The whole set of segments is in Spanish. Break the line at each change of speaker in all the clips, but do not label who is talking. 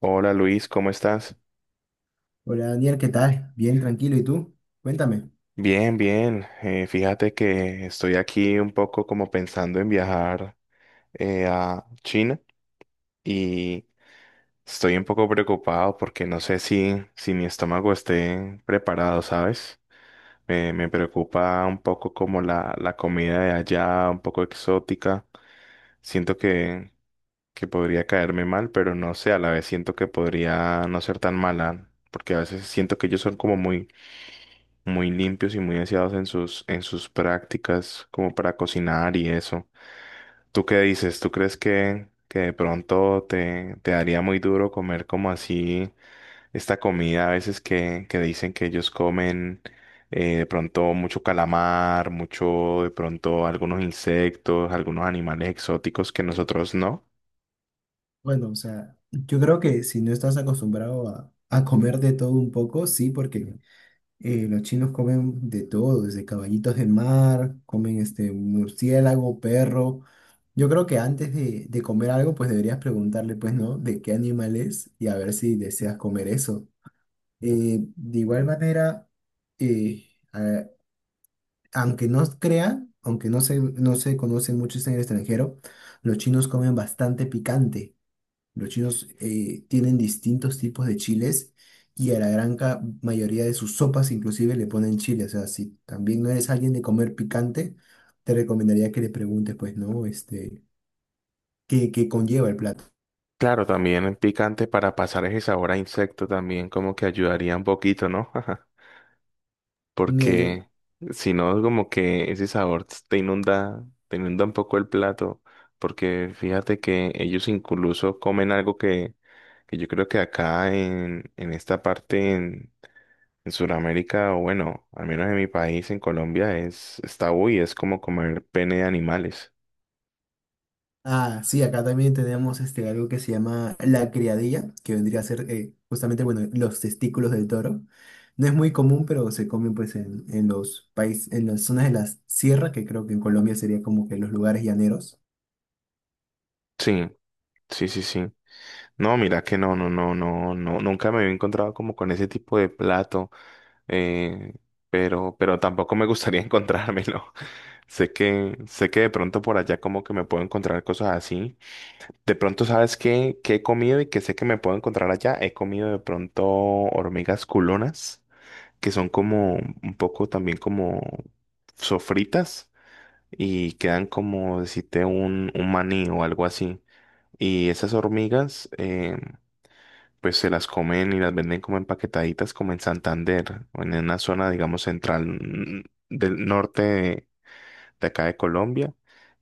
Hola Luis, ¿cómo estás?
Hola Daniel, ¿qué tal? Bien, tranquilo. ¿Y tú? Cuéntame.
Bien, bien. Fíjate que estoy aquí un poco como pensando en viajar a China y estoy un poco preocupado porque no sé si mi estómago esté preparado, ¿sabes? Me preocupa un poco como la comida de allá, un poco exótica. Siento que, que podría caerme mal, pero no sé, a la vez siento que podría no ser tan mala, porque a veces siento que ellos son como muy muy limpios y muy aseados en en sus prácticas, como para cocinar y eso. ¿Tú qué dices? ¿Tú crees que de pronto te daría muy duro comer como así esta comida a veces que dicen que ellos comen de pronto mucho calamar, mucho de pronto algunos insectos, algunos animales exóticos que nosotros no?
Bueno, o sea, yo creo que si no estás acostumbrado a comer de todo un poco, sí, porque los chinos comen de todo, desde caballitos de mar, comen este murciélago, perro. Yo creo que antes de comer algo, pues deberías preguntarle, pues, ¿no? ¿De qué animal es? Y a ver si deseas comer eso. De igual manera, eh, a- aunque no crean, aunque no se conocen muchos en el extranjero, los chinos comen bastante picante. Los chinos tienen distintos tipos de chiles y a la mayoría de sus sopas inclusive le ponen chile. O sea, si también no eres alguien de comer picante, te recomendaría que le preguntes, pues, ¿no? Este, ¿qué, qué conlleva el plato?
Claro, también el picante para pasar ese sabor a insecto también como que ayudaría un poquito, ¿no?
Mira, yo.
Porque si no, como que ese sabor te inunda un poco el plato, porque fíjate que ellos incluso comen algo que yo creo que acá en esta parte, en Sudamérica, o bueno, al menos en mi país, en Colombia, es tabú y es como comer pene de animales.
Ah, sí, acá también tenemos este, algo que se llama la criadilla, que vendría a ser justamente, bueno, los testículos del toro. No es muy común, pero se comen pues en los países, en las zonas de la sierra, que creo que en Colombia sería como que los lugares llaneros.
Sí, sí, sí, sí. No, mira que no, no, no, no, no, nunca me había encontrado como con ese tipo de plato. eh, pero tampoco me gustaría encontrármelo. Sé que de pronto por allá como que me puedo encontrar cosas así. De pronto, ¿sabes qué? ¿Qué he comido y que sé que me puedo encontrar allá? He comido de pronto hormigas culonas, que son como un poco también como sofritas y quedan como decirte un maní o algo así. Y esas hormigas pues se las comen y las venden como empaquetaditas como en Santander o en una zona, digamos, central del norte de acá de Colombia.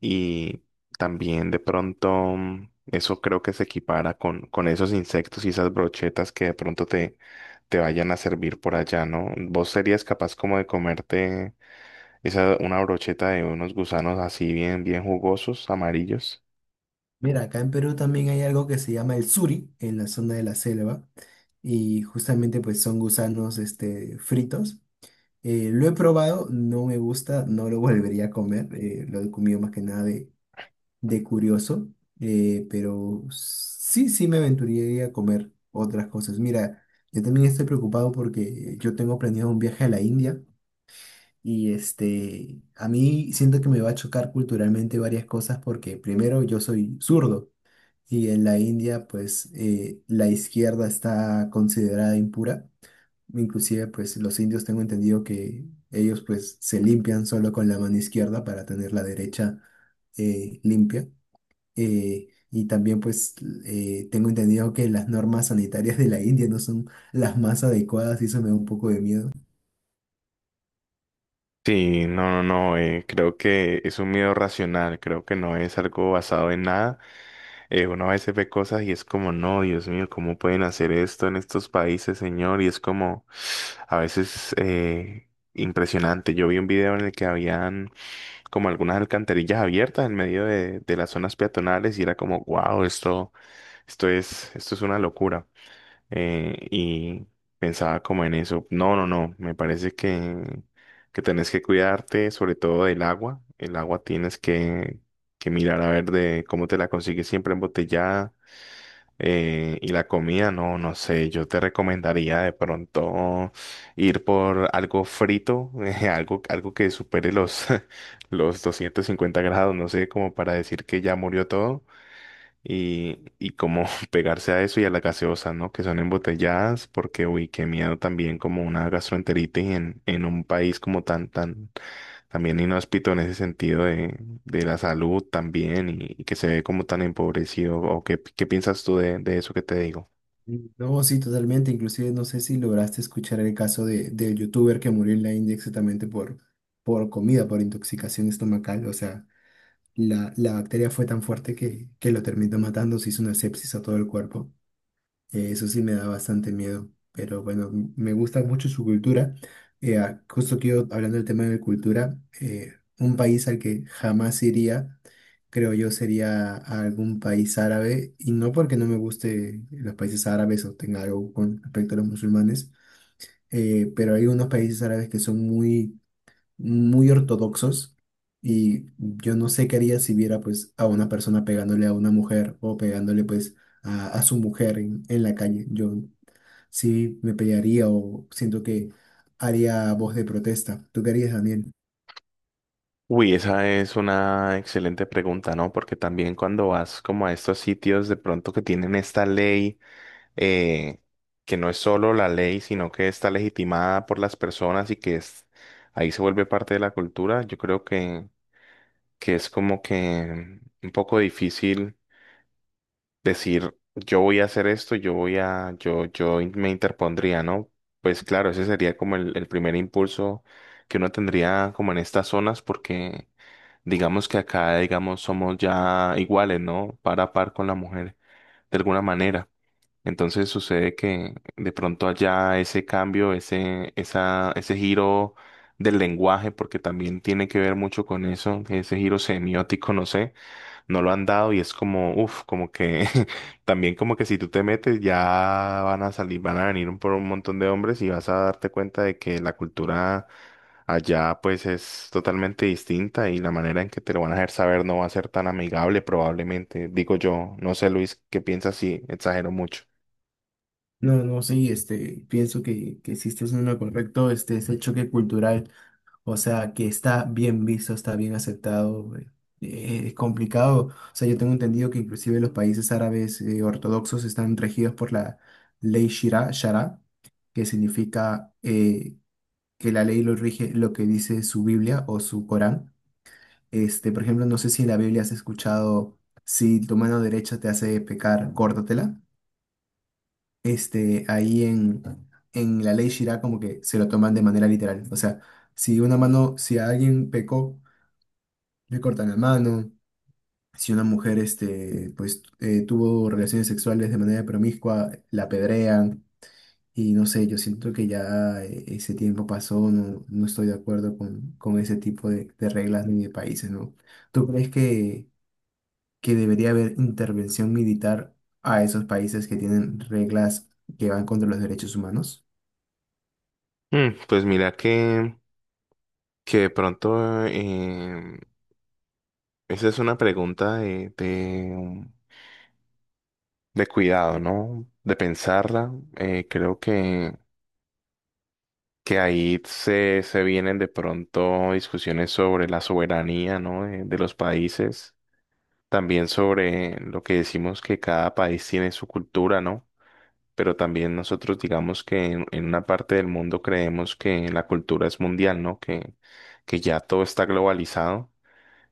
Y también de pronto eso creo que se equipara con esos insectos y esas brochetas que de pronto te vayan a servir por allá, ¿no? ¿Vos serías capaz como de comerte esa, una brocheta de unos gusanos así bien, bien jugosos, amarillos?
Mira, acá en Perú también hay algo que se llama el suri, en la zona de la selva, y justamente pues son gusanos este, fritos. Lo he probado, no me gusta, no lo volvería a comer, lo he comido más que nada de curioso, pero sí, sí me aventuraría a comer otras cosas. Mira, yo también estoy preocupado porque yo tengo planeado un viaje a la India y este, a mí siento que me va a chocar culturalmente varias cosas porque primero yo soy zurdo y en la India pues la izquierda está considerada impura. Inclusive pues los indios tengo entendido que ellos pues se limpian solo con la mano izquierda para tener la derecha limpia. Y también pues tengo entendido que las normas sanitarias de la India no son las más adecuadas y eso me da un poco de miedo.
Sí, no, no, no, creo que es un miedo racional, creo que no es algo basado en nada. Uno a veces ve cosas y es como, no, Dios mío, ¿cómo pueden hacer esto en estos países, señor? Y es como, a veces, impresionante. Yo vi un video en el que habían como algunas alcantarillas abiertas en medio de las zonas peatonales y era como, wow, esto, esto es una locura y pensaba como en eso. No, no, no, me parece que tenés que cuidarte sobre todo del agua. El agua tienes que mirar a ver de cómo te la consigues siempre embotellada. Y la comida, no, no sé, yo te recomendaría de pronto ir por algo frito, algo, algo que supere los, los 250 grados, no sé, como para decir que ya murió todo y como pegarse a eso y a las gaseosas, ¿no? Que son embotelladas, porque, uy, qué miedo también como una gastroenteritis en un país como tan, tan, también inhóspito en ese sentido de la salud también y que se ve como tan empobrecido. ¿O qué, qué piensas tú de eso que te digo?
No, sí, totalmente. Inclusive no sé si lograste escuchar el caso del youtuber que murió en la India exactamente por comida, por intoxicación estomacal. O sea, la bacteria fue tan fuerte que lo terminó matando, se hizo una sepsis a todo el cuerpo. Eso sí me da bastante miedo, pero bueno, me gusta mucho su cultura. Justo que yo, hablando del tema de cultura, un país al que jamás iría, creo yo, sería a algún país árabe, y no porque no me guste los países árabes o tenga algo con respecto a los musulmanes, pero hay unos países árabes que son muy ortodoxos y yo no sé qué haría si viera pues a una persona pegándole a una mujer o pegándole pues a su mujer en la calle. Yo sí me pelearía o siento que haría voz de protesta. ¿Tú qué harías, Daniel?
Uy, esa es una excelente pregunta, ¿no? Porque también cuando vas como a estos sitios de pronto que tienen esta ley, eh, que no es solo la ley, sino que está legitimada por las personas y que es, ahí se vuelve parte de la cultura, yo creo que es como que un poco difícil decir, yo voy a hacer esto, yo voy a, yo, me interpondría, ¿no? Pues claro, ese sería como el primer impulso que uno tendría como en estas zonas, porque digamos que acá, digamos, somos ya iguales, ¿no? Par a par con la mujer, de alguna manera. Entonces sucede que de pronto allá ese cambio, ese, esa, ese giro del lenguaje, porque también tiene que ver mucho con eso, ese giro semiótico, no sé, no lo han dado y es como, uff, como que también como que si tú te metes ya van a salir, van a venir por un montón de hombres y vas a darte cuenta de que la cultura allá pues es totalmente distinta y la manera en que te lo van a hacer saber no va a ser tan amigable probablemente, digo yo, no sé Luis, ¿qué piensas si exagero mucho?
No, no, sí, este, pienso que sí estás en lo correcto, este, ese choque cultural. O sea, que está bien visto, está bien aceptado. Es complicado. O sea, yo tengo entendido que inclusive los países árabes ortodoxos están regidos por la ley Shira, Shara, que significa que la ley lo rige lo que dice su Biblia o su Corán. Este, por ejemplo, no sé si en la Biblia has escuchado, si tu mano derecha te hace pecar, córtatela. Este, ahí en la ley Shira como que se lo toman de manera literal. O sea, si una mano, si alguien pecó le cortan la mano. Si una mujer este, pues, tuvo relaciones sexuales de manera promiscua, la apedrean. Y no sé, yo siento que ya ese tiempo pasó, no, no estoy de acuerdo con ese tipo de reglas ni de países, ¿no? ¿Tú crees que debería haber intervención militar a esos países que tienen reglas que van contra los derechos humanos?
Pues mira que de pronto esa es una pregunta de cuidado, ¿no? De pensarla. Creo que ahí se, se vienen de pronto discusiones sobre la soberanía, ¿no? De los países. También sobre lo que decimos que cada país tiene su cultura, ¿no? Pero también nosotros digamos que en una parte del mundo creemos que la cultura es mundial, ¿no? Que ya todo está globalizado.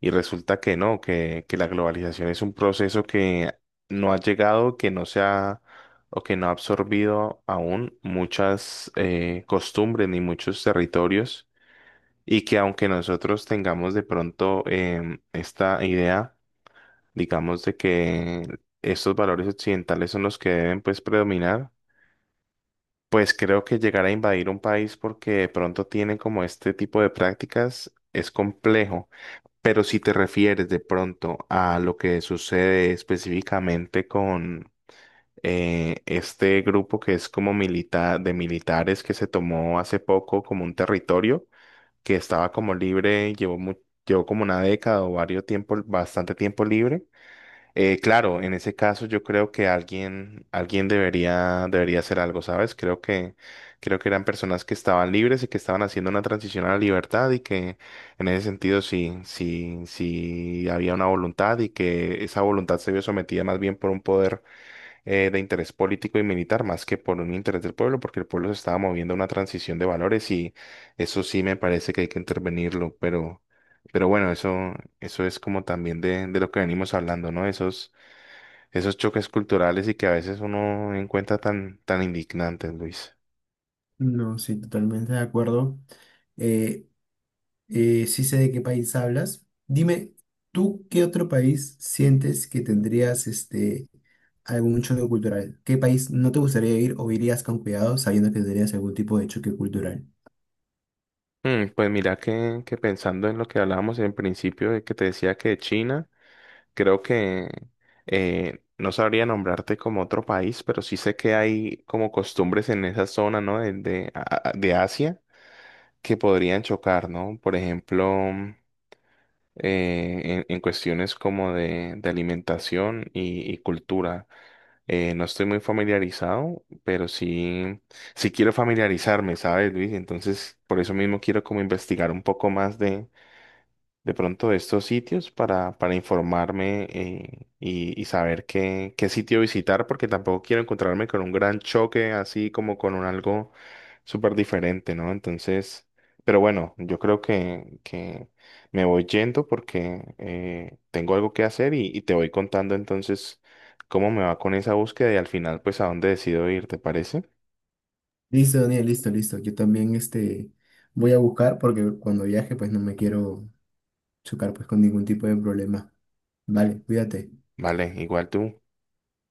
Y resulta que no, que la globalización es un proceso que no ha llegado, que no se ha o que no ha absorbido aún muchas costumbres ni muchos territorios y que aunque nosotros tengamos de pronto esta idea, digamos, de que estos valores occidentales son los que deben pues predominar, pues creo que llegar a invadir un país porque de pronto tiene como este tipo de prácticas es complejo. Pero si te refieres de pronto a lo que sucede específicamente con este grupo que es como militar de militares que se tomó hace poco como un territorio que estaba como libre, llevó, llevó como una década o varios tiempo, bastante tiempo libre claro, en ese caso yo creo que alguien, alguien debería, debería hacer algo, ¿sabes? Creo que eran personas que estaban libres y que estaban haciendo una transición a la libertad y que en ese sentido sí, sí, sí había una voluntad y que esa voluntad se vio sometida más bien por un poder de interés político y militar más que por un interés del pueblo, porque el pueblo se estaba moviendo a una transición de valores y eso sí me parece que hay que intervenirlo, pero bueno, eso es como también de lo que venimos hablando, ¿no? Esos, esos choques culturales y que a veces uno encuentra tan, tan indignantes, Luis.
No, sí, totalmente de acuerdo. Eh, sí sé de qué país hablas. Dime, ¿tú qué otro país sientes que tendrías este algún choque cultural? ¿Qué país no te gustaría ir o irías con cuidado sabiendo que tendrías algún tipo de choque cultural?
Pues mira que pensando en lo que hablábamos en principio, de que te decía que China. Creo que no sabría nombrarte como otro país, pero sí sé que hay como costumbres en esa zona, ¿no? De, de Asia que podrían chocar, ¿no? Por ejemplo, mm, en cuestiones como de alimentación y cultura. No estoy muy familiarizado, pero sí, sí quiero familiarizarme, ¿sabes, Luis? Entonces, por eso mismo quiero como investigar un poco más de pronto de estos sitios para informarme y saber qué, qué sitio visitar, porque tampoco quiero encontrarme con un gran choque, así como con un algo súper diferente, ¿no? Entonces, pero bueno, yo creo que me voy yendo porque tengo algo que hacer y te voy contando entonces cómo me va con esa búsqueda y al final, pues, a dónde decido ir, ¿te parece?
Listo, Daniel, listo, listo. Yo también este voy a buscar porque cuando viaje pues no me quiero chocar pues con ningún tipo de problema. Vale, cuídate.
Vale, igual tú.